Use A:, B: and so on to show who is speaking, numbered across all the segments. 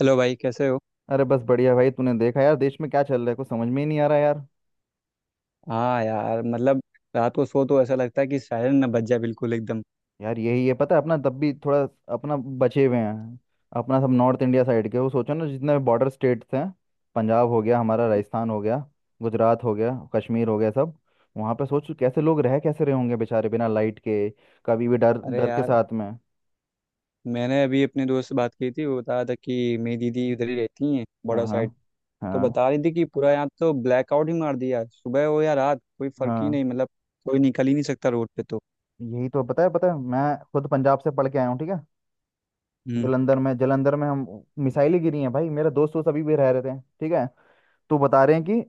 A: Hello भाई, कैसे हो।
B: अरे बस बढ़िया भाई। तूने देखा यार देश में क्या चल रहा है? कुछ समझ में ही नहीं आ रहा यार।
A: हाँ यार, मतलब रात को सो तो ऐसा लगता है कि सायरन ना बज जाए। बिल्कुल एकदम।
B: यार यही है पता है अपना तब भी थोड़ा अपना बचे हुए हैं। अपना सब नॉर्थ इंडिया साइड के, वो सोचो ना जितने बॉर्डर स्टेट्स हैं। पंजाब हो गया हमारा, राजस्थान हो गया, गुजरात हो गया, कश्मीर हो गया, सब। वहाँ पे सोच कैसे लोग रह कैसे रहे होंगे बेचारे बिना लाइट के, कभी भी डर
A: अरे
B: डर के
A: यार,
B: साथ में।
A: मैंने अभी अपने दोस्त से बात की थी। वो बता रहा था कि मेरी दीदी उधर ही रहती हैं, बड़ा
B: हाँ हाँ,
A: साइड। तो
B: हाँ
A: बता रही थी कि पूरा यहाँ तो ब्लैकआउट ही मार दिया यार। सुबह हो या रात कोई फर्क ही
B: हाँ।
A: नहीं, मतलब कोई निकल ही नहीं सकता रोड पे तो।
B: यही तो, पता है पता है, मैं खुद पंजाब से पढ़ के आया हूँ, ठीक है।
A: हम्म।
B: जलंधर में हम, मिसाइलें गिरी हैं भाई। मेरे दोस्त दोस्त अभी भी रह रहे थे, ठीक है। तो बता रहे हैं कि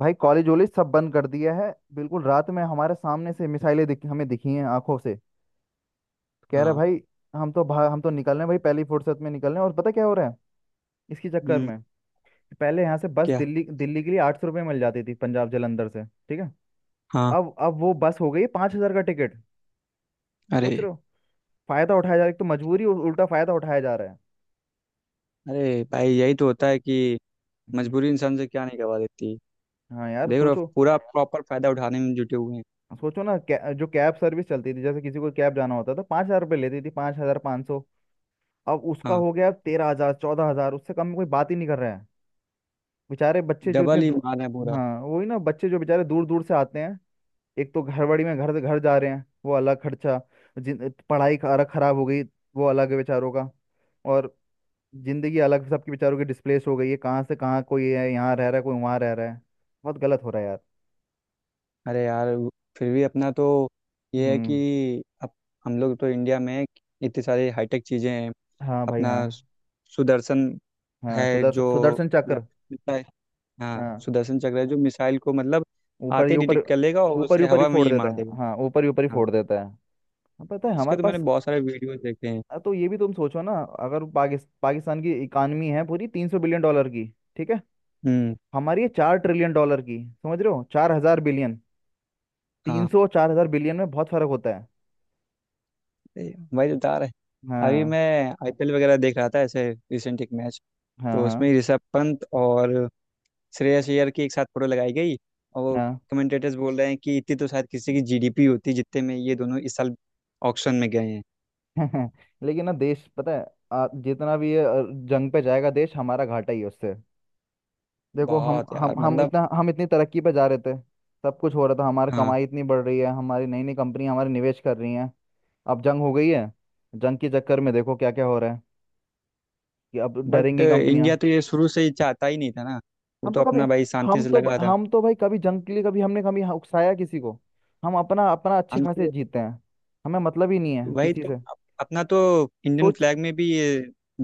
B: भाई कॉलेज वॉलेज सब बंद कर दिया है बिल्कुल। रात में हमारे सामने से मिसाइलें हमें दिखी हैं आंखों से, कह रहा
A: हाँ।
B: भाई। हम तो निकल रहे हैं भाई, पहली फुर्सत में निकल रहे हैं। और पता क्या हो रहा है इसके चक्कर
A: हम्म।
B: में, पहले यहाँ से बस
A: क्या।
B: दिल्ली दिल्ली के लिए 800 रुपये मिल जाती थी, पंजाब जालंधर से, ठीक है।
A: हाँ।
B: अब वो बस हो गई 5,000 का टिकट।
A: अरे।
B: सोच रहे हो! फायदा उठाया जा रहा है, एक तो मजबूरी और उल्टा फायदा उठाया जा रहा है।
A: अरे भाई, यही तो होता है कि
B: हम्म,
A: मजबूरी इंसान से क्या नहीं करवा देती।
B: हाँ यार
A: देख रहे हो,
B: सोचो।
A: पूरा प्रॉपर फायदा उठाने में जुटे हुए हैं।
B: सोचो ना, जो कैब सर्विस चलती थी, जैसे किसी को कैब जाना होता था तो 5,000 रुपये लेती थी, 5,500। अब उसका
A: हाँ।
B: हो गया 13,000, 14,000, उससे कम में कोई बात ही नहीं कर रहा है। बेचारे बच्चे जो इतने
A: डबल ही
B: दू-
A: मार है पूरा।
B: हाँ वही ना, बच्चे जो बेचारे दूर दूर से आते हैं। एक तो घरबड़ी में घर घर जा रहे हैं, वो अलग खर्चा। जिन पढ़ाई का अलग खराब हो गई, वो अलग है बेचारों का। और जिंदगी अलग सबकी बेचारों की डिस्प्लेस हो गई है, कहाँ से कहाँ, कोई है यहाँ रह रहा है, कोई वहाँ रह रहा है। बहुत गलत हो रहा है यार।
A: अरे यार, फिर भी अपना तो ये है कि
B: हम्म
A: अब हम लोग तो इंडिया में इतनी सारी हाईटेक चीज़ें हैं।
B: हाँ भाई,
A: अपना
B: हाँ।
A: सु- सुदर्शन
B: हाँ,
A: है
B: सुदर्शन
A: जो,
B: सुदर्शन
A: मतलब
B: चक्र।
A: मिसाइल। हाँ
B: हाँ
A: सुदर्शन चक्र है जो मिसाइल को, मतलब
B: ऊपर
A: आते
B: ही
A: ही
B: ऊपर,
A: डिटेक्ट कर लेगा और उसे
B: ऊपर ही
A: हवा में
B: फोड़
A: ही
B: देता
A: मार
B: है।
A: देगा।
B: हाँ ऊपर ही
A: हाँ।
B: फोड़ देता है। हाँ, पता है
A: इसके
B: हमारे
A: तो मैंने
B: पास।
A: बहुत सारे वीडियोस देखे हैं।
B: तो ये भी तुम सोचो ना, अगर पाकिस्तान की इकानमी है पूरी 300 बिलियन डॉलर की, ठीक है।
A: हम्म।
B: हमारी ये 4 ट्रिलियन डॉलर की, समझ रहे हो, 4,000 बिलियन। तीन
A: हाँ,
B: सौ चार हजार बिलियन में बहुत फर्क होता है।
A: ए, वही बता रहे। अभी
B: हाँ
A: मैं आईपीएल वगैरह देख रहा था, ऐसे रिसेंट एक मैच।
B: हाँ,
A: तो
B: हाँ
A: उसमें ऋषभ पंत और श्रेयस अय्यर की एक साथ फोटो लगाई गई। और वो कमेंटेटर्स बोल रहे हैं कि इतनी तो शायद किसी की जीडीपी होती जितने में ये दोनों इस साल ऑक्शन में गए हैं।
B: हाँ। लेकिन ना देश, पता है जितना भी ये जंग पे जाएगा देश हमारा घाटा ही है उससे। देखो हम
A: बहुत यार,
B: हम हम
A: मतलब।
B: इतना हम इतनी तरक्की पे जा रहे थे। सब कुछ हो रहा था, हमारी
A: हाँ।
B: कमाई इतनी बढ़ रही है, हमारी नई नई कंपनी हमारे निवेश कर रही हैं। अब जंग हो गई है। जंग के चक्कर में देखो क्या क्या हो रहा है कि अब
A: बट
B: डरेंगी कंपनियां।
A: इंडिया तो ये शुरू से ही चाहता ही नहीं था ना। वो
B: हम
A: तो
B: तो कभी
A: अपना भाई शांति से लगा था।
B: हम तो भाई कभी जंग के लिए, कभी हमने कभी यहाँ उकसाया किसी को। हम अपना अपना अच्छे
A: हम
B: खासे
A: तो।
B: जीते हैं, हमें मतलब ही नहीं है
A: वही
B: किसी
A: तो
B: से।
A: अपना तो इंडियन
B: सोच
A: फ्लैग में भी ये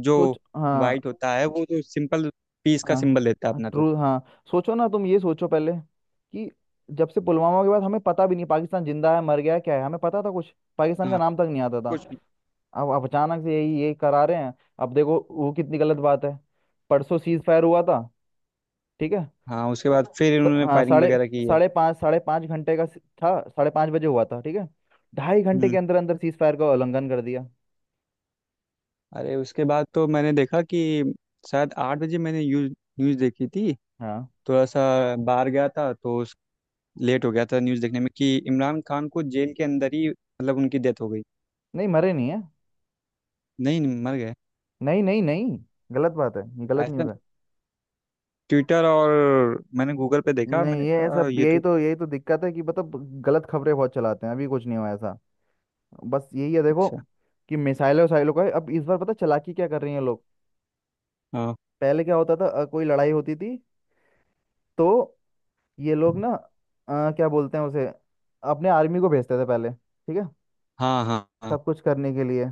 A: जो
B: सोच हाँ
A: वाइट होता है वो तो सिंपल पीस का
B: हाँ।
A: सिंबल देता है
B: हाँ,
A: अपना तो।
B: ट्रू, हाँ। सोचो ना तुम, ये सोचो पहले कि जब से पुलवामा के बाद हमें पता भी नहीं पाकिस्तान जिंदा है, मर गया है, क्या है, हमें पता था कुछ? पाकिस्तान का
A: हाँ।
B: नाम तक नहीं आता था।
A: कुछ भी।
B: अब अचानक से यही यही करा रहे हैं। अब देखो वो कितनी गलत बात है। परसों सीज फायर हुआ था, ठीक है।
A: हाँ, उसके बाद फिर इन्होंने
B: हाँ
A: फायरिंग
B: साढ़े
A: वगैरह की है।
B: साढ़े पाँच साढ़े 5 घंटे का था, 5:30 बजे हुआ था, ठीक है। 2.5 घंटे के
A: हम्म।
B: अंदर अंदर सीज फायर का उल्लंघन कर दिया।
A: अरे, उसके बाद तो मैंने देखा कि शायद आठ बजे मैंने न्यूज न्यूज देखी थी।
B: हाँ
A: थोड़ा सा बाहर गया था तो उस लेट हो गया था न्यूज देखने में कि इमरान खान को जेल के अंदर ही मतलब उनकी डेथ हो गई।
B: नहीं, मरे नहीं है।
A: नहीं नहीं, मर गए।
B: नहीं नहीं, नहीं। गलत बात है, ये गलत न्यूज़
A: ऐसा
B: है।
A: ट्विटर और मैंने गूगल पे देखा,
B: नहीं
A: मैंने
B: ये
A: कहा
B: सब,
A: ये
B: यही
A: तो।
B: तो यही तो दिक्कत है कि, मतलब गलत खबरें बहुत चलाते हैं, अभी कुछ नहीं हुआ ऐसा। बस यही है, देखो
A: अच्छा।
B: कि मिसाइलों वसाइलों का अब इस बार, पता चालाकी क्या कर रही हैं लोग।
A: हाँ
B: पहले क्या होता था, कोई लड़ाई होती थी तो ये लोग ना क्या बोलते हैं उसे, अपने आर्मी को भेजते थे पहले, ठीक है,
A: हाँ हाँ। हाँ।
B: सब कुछ करने के लिए।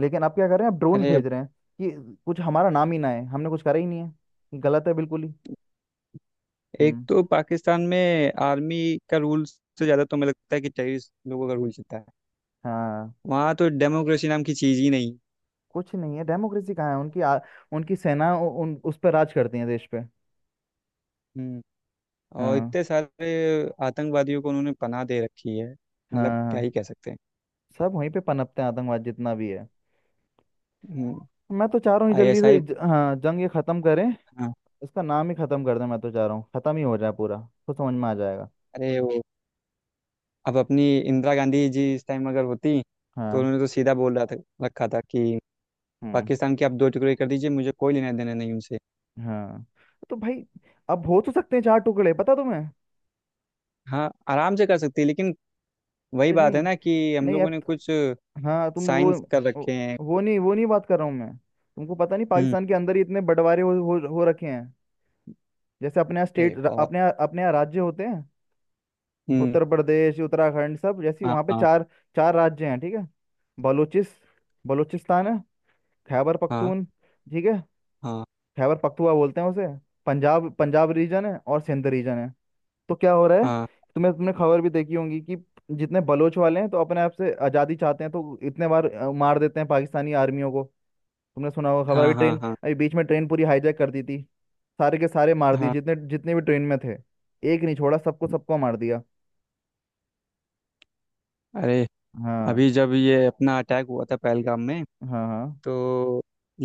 B: लेकिन आप क्या कर रहे हैं, आप ड्रोन
A: अरे अब।
B: भेज रहे हैं कि कुछ हमारा नाम ही ना है, हमने कुछ करा ही नहीं है। ये गलत है बिल्कुल ही।
A: एक
B: हम्म
A: तो पाकिस्तान में आर्मी का रूल से ज़्यादा तो मुझे लगता है कि टेररिस्ट लोगों का रूल चलता है।
B: हाँ।
A: वहाँ तो डेमोक्रेसी नाम की चीज़ ही नहीं।
B: कुछ नहीं है डेमोक्रेसी, कहाँ है उनकी? उनकी सेना उन उस पर राज करती है देश पे।
A: हम्म। और
B: हाँ
A: इतने सारे आतंकवादियों को उन्होंने पनाह दे रखी है, मतलब
B: हाँ,
A: क्या ही कह
B: हाँ।
A: सकते हैं।
B: सब वहीं पे पनपते हैं आतंकवाद जितना भी है।
A: हम्म।
B: मैं तो चाह रहा हूँ जल्दी
A: आईएसआई।
B: से हाँ जंग ये खत्म करें,
A: हाँ।
B: इसका नाम ही खत्म कर दें। मैं तो चाह रहा हूँ खत्म ही हो जाए पूरा, तो समझ में आ जाएगा।
A: अरे वो, अब अपनी इंदिरा गांधी जी इस टाइम अगर होती तो
B: हाँ।
A: उन्होंने तो सीधा बोल रहा था, रखा था कि
B: हम्म
A: पाकिस्तान की आप दो टुकड़े कर दीजिए, मुझे कोई लेना देना नहीं उनसे।
B: हाँ तो भाई अब हो तो सकते हैं चार टुकड़े, पता तुम्हें?
A: हाँ आराम से कर सकती है, लेकिन वही
B: अरे
A: बात है
B: नहीं,
A: ना कि हम
B: नहीं
A: लोगों
B: अब,
A: ने कुछ
B: हाँ तुम वो,
A: साइंस कर रखे
B: वो
A: हैं।
B: वो नहीं वो नहीं बात कर रहा हूँ मैं। तुमको पता नहीं
A: हम्म।
B: पाकिस्तान के अंदर ही इतने बंटवारे हो रखे हैं। जैसे अपने यहाँ
A: अरे
B: स्टेट,
A: बहुत।
B: अपने यहाँ राज्य होते हैं
A: हम्म।
B: उत्तर प्रदेश, उत्तराखंड सब, जैसे
A: हाँ
B: वहाँ पे
A: हाँ
B: चार, चार राज्य हैं, ठीक है। बलूचिस बलूचिस्तान है, खैबर
A: हाँ।
B: पख्तून, ठीक है,
A: हाँ
B: खैबर पख्तुआ बोलते हैं उसे। पंजाब, पंजाब रीजन है और सिंध रीजन है। तो क्या हो रहा है,
A: हाँ
B: तुम्हें, तुमने खबर भी देखी होगी कि जितने बलोच वाले हैं तो अपने आप से आज़ादी चाहते हैं, तो इतने बार मार देते हैं पाकिस्तानी आर्मियों को। तुमने सुना होगा खबर अभी,
A: हाँ। हाँ
B: ट्रेन,
A: हाँ
B: अभी बीच में ट्रेन पूरी हाईजैक कर दी थी। सारे के सारे मार दिए,
A: हाँ।
B: जितने जितने भी ट्रेन में थे, एक नहीं छोड़ा, सबको सबको मार दिया।
A: अरे
B: हाँ
A: अभी जब ये अपना अटैक हुआ था पहलगाम में,
B: हाँ, हाँ
A: तो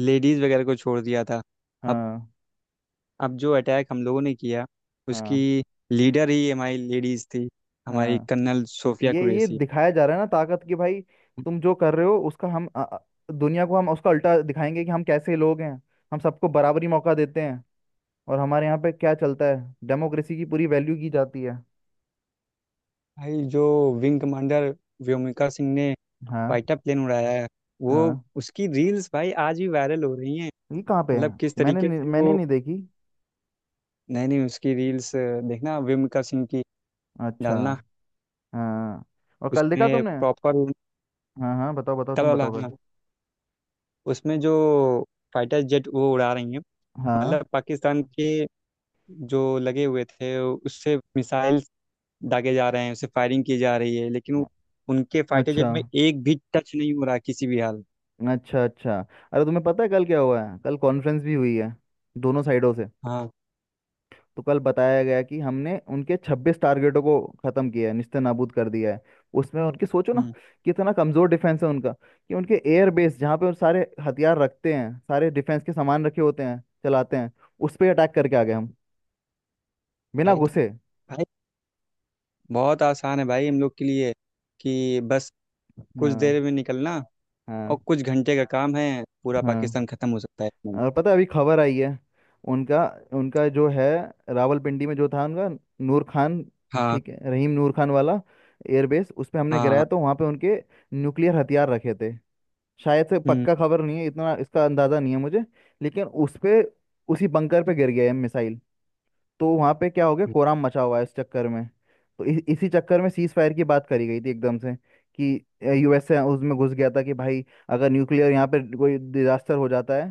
A: लेडीज़ वगैरह को छोड़ दिया था। अब
B: हाँ,
A: अब जो अटैक हम लोगों ने किया उसकी
B: हाँ
A: लीडर ही हमारी लेडीज़ थी, हमारी
B: हाँ।
A: कर्नल सोफिया
B: ये
A: कुरैशी।
B: दिखाया जा रहा है ना ताकत कि भाई तुम जो कर रहे हो उसका हम दुनिया को हम उसका उल्टा दिखाएंगे कि हम कैसे लोग हैं। हम सबको बराबरी मौका देते हैं, और हमारे यहाँ पे क्या चलता है, डेमोक्रेसी की पूरी वैल्यू की जाती है।
A: भाई जो विंग कमांडर व्योमिका सिंह ने
B: हाँ,
A: फाइटर प्लेन उड़ाया है वो,
B: हाँ।
A: उसकी रील्स भाई आज भी वायरल हो रही हैं।
B: ये कहाँ पे
A: मतलब
B: है?
A: किस तरीके से
B: मैंने
A: वो।
B: नहीं देखी।
A: नहीं नहीं, उसकी रील्स देखना, व्योमिका सिंह की
B: अच्छा।
A: डालना।
B: हाँ, और कल देखा
A: उसमें
B: तुमने?
A: प्रॉपर
B: हाँ हाँ, बताओ बताओ,
A: तल
B: तुम
A: वाला
B: बताओ कल।
A: हाँ। उसमें जो फाइटर जेट वो उड़ा रही हैं,
B: हाँ
A: मतलब पाकिस्तान के जो लगे हुए थे उससे मिसाइल दागे जा रहे हैं, उससे फायरिंग की जा रही है, लेकिन
B: अ-
A: उनके फाइटर जेट
B: अच्छा,
A: में एक भी टच नहीं हो रहा किसी भी हाल।
B: अच्छा, अच्छा अरे तुम्हें पता है कल क्या हुआ है? कल कॉन्फ्रेंस भी हुई है दोनों साइडों से।
A: हाँ।
B: तो कल बताया गया कि हमने उनके 26 टारगेटों को खत्म किया है, निस्ते नाबूद कर दिया है। उसमें उनकी, सोचो ना
A: हम्म।
B: कितना कमजोर डिफेंस है उनका, कि उनके एयर बेस जहाँ पे वो सारे हथियार रखते हैं, सारे डिफेंस के सामान रखे होते हैं, चलाते हैं, उस पर अटैक करके आ गए हम, बिना
A: भाई तो
B: घुसे।
A: भाई बहुत आसान है भाई हम लोग के लिए कि बस कुछ
B: हाँ
A: देर में निकलना, और
B: हाँ,
A: कुछ घंटे का काम है, पूरा
B: हाँ।
A: पाकिस्तान खत्म हो सकता है इसमें।
B: और पता है अभी खबर आई है, उनका, उनका जो है रावलपिंडी में जो था उनका, नूर खान,
A: हाँ
B: ठीक है, रहीम नूर खान वाला एयरबेस, उस पे हमने
A: हाँ हाँ।
B: गिराया। तो वहाँ पे उनके न्यूक्लियर हथियार रखे थे, शायद से,
A: हम्म।
B: पक्का खबर नहीं है इतना, इसका अंदाज़ा नहीं है मुझे, लेकिन उस पे, उसी बंकर पे गिर गया है मिसाइल। तो वहाँ पे क्या हो गया,
A: हम्म।
B: कोराम मचा हुआ है इस चक्कर में। तो इसी चक्कर में सीज फायर की बात करी गई थी एकदम से, कि यूएसए उसमें घुस गया था कि भाई अगर न्यूक्लियर यहाँ पे कोई डिजास्टर हो जाता है,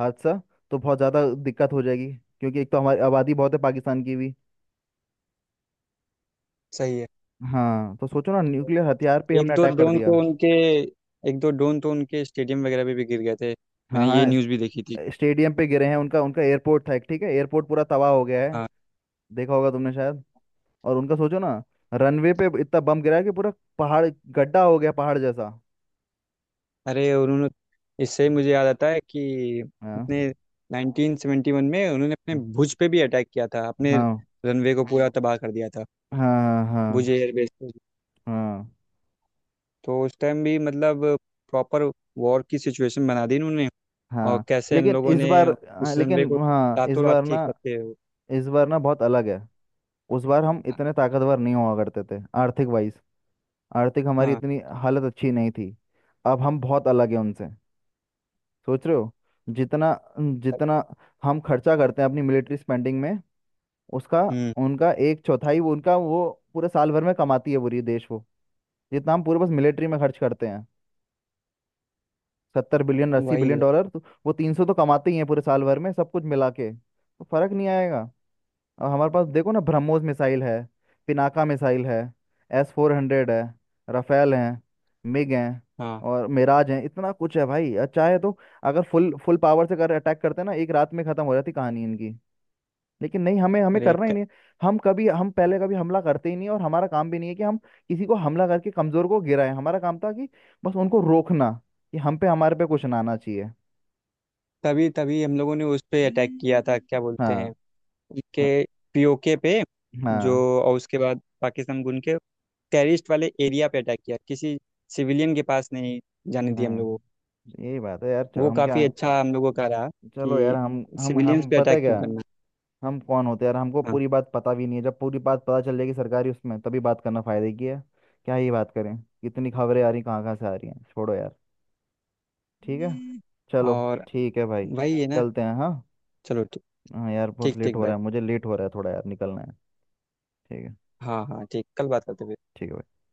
B: हादसा, तो बहुत ज़्यादा दिक्कत हो जाएगी। क्योंकि एक तो हमारी आबादी बहुत है, पाकिस्तान की भी।
A: सही है।
B: हाँ, तो सोचो ना न्यूक्लियर हथियार पे
A: एक
B: हमने
A: दो
B: अटैक कर
A: ड्रोन
B: दिया।
A: तो उनके एक दो ड्रोन तो उनके स्टेडियम वगैरह में भी गिर गए थे,
B: हाँ
A: मैंने ये
B: हाँ,
A: न्यूज़ भी देखी थी।
B: स्टेडियम पे गिरे हैं उनका, उनका एयरपोर्ट था एक, ठीक है, एयरपोर्ट पूरा तबाह हो गया है,
A: हाँ।
B: देखा होगा तुमने शायद। और उनका सोचो ना, रनवे पे इतना बम गिरा है कि पूरा पहाड़, गड्ढा हो गया पहाड़ जैसा।
A: अरे उन्होंने, इससे ही मुझे याद आता है कि
B: हाँ
A: अपने 1971 में उन्होंने अपने भुज पे भी अटैक किया था, अपने
B: हाँ,
A: रनवे को पूरा तबाह कर दिया था,
B: हाँ हाँ,
A: भुज
B: हाँ
A: एयरबेस पे।
B: हाँ,
A: तो उस टाइम भी मतलब प्रॉपर वॉर की सिचुएशन बना दी उन्होंने। और
B: हाँ।
A: कैसे हम
B: लेकिन
A: लोगों
B: इस
A: ने
B: बार, हाँ,
A: उस रनवे
B: लेकिन
A: को
B: हाँ इस
A: रातों रात
B: बार
A: ठीक
B: ना,
A: करते हुए।
B: इस बार ना बहुत अलग है। उस बार हम
A: हाँ
B: इतने ताकतवर नहीं हुआ करते थे, आर्थिक वाइज आर्थिक हमारी
A: हाँ।
B: इतनी हालत अच्छी नहीं थी। अब हम बहुत अलग है उनसे। सोच रहे हो, जितना जितना हम खर्चा करते हैं अपनी मिलिट्री स्पेंडिंग में, उसका,
A: हम्म।
B: उनका एक चौथाई वो, उनका वो पूरे साल भर में कमाती है पूरी देश वो। जितना हम पूरे बस मिलिट्री में खर्च करते हैं 70 बिलियन, अस्सी
A: वही
B: बिलियन
A: है।
B: डॉलर तो वो 300 तो कमाते ही हैं पूरे साल भर में सब कुछ मिला के, तो फर्क नहीं आएगा। अब हमारे पास देखो ना, ब्रह्मोस मिसाइल है, पिनाका मिसाइल है, S-400 है, राफेल है, मिग हैं
A: हाँ।
B: और मिराज हैं, इतना कुछ है भाई। और चाहे तो, अगर फुल फुल पावर से अगर अटैक करते ना, एक रात में खत्म हो जाती कहानी इनकी। लेकिन नहीं, हमें हमें
A: अरे
B: करना ही नहीं है। हम पहले कभी हमला करते ही नहीं, और हमारा काम भी नहीं है कि हम किसी को हमला करके कमजोर को गिराएं। हमारा काम था कि बस उनको रोकना, कि हम पे हमारे पे कुछ ना आना चाहिए।
A: तभी तभी हम लोगों ने उस पे अटैक किया था क्या बोलते हैं
B: हाँ,
A: उनके
B: हाँ,
A: पीओके पे जो।
B: हाँ,
A: और उसके बाद पाकिस्तान गुन के टेरिस्ट वाले एरिया पे अटैक किया, किसी सिविलियन के पास नहीं जाने दिया हम लोगों को।
B: हाँ, यही बात है यार। चलो
A: वो
B: हम क्या
A: काफ़ी
B: है?
A: अच्छा हम लोगों का रहा
B: चलो यार,
A: कि
B: हम हम
A: सिविलियंस
B: हम
A: पे
B: पता है
A: अटैक क्यों
B: क्या,
A: करना।
B: हम कौन होते हैं यार, हमको
A: हाँ।
B: पूरी बात पता भी नहीं है। जब पूरी बात पता चल जाएगी सरकारी उसमें, तभी बात करना फायदे की है। क्या ही बात करें, कितनी खबरें आ रही, कहाँ कहाँ से आ रही हैं, छोड़ो यार, ठीक है। चलो,
A: और
B: ठीक है भाई,
A: वही है ना।
B: चलते हैं, हाँ।
A: चलो ठीक।
B: हाँ यार बहुत
A: ठीक
B: लेट
A: ठीक
B: हो
A: भाई।
B: रहा है, मुझे लेट हो रहा है थोड़ा यार, निकलना है। ठीक है,
A: हाँ हाँ, ठीक कल बात करते हैं फिर।
B: ठीक है भाई।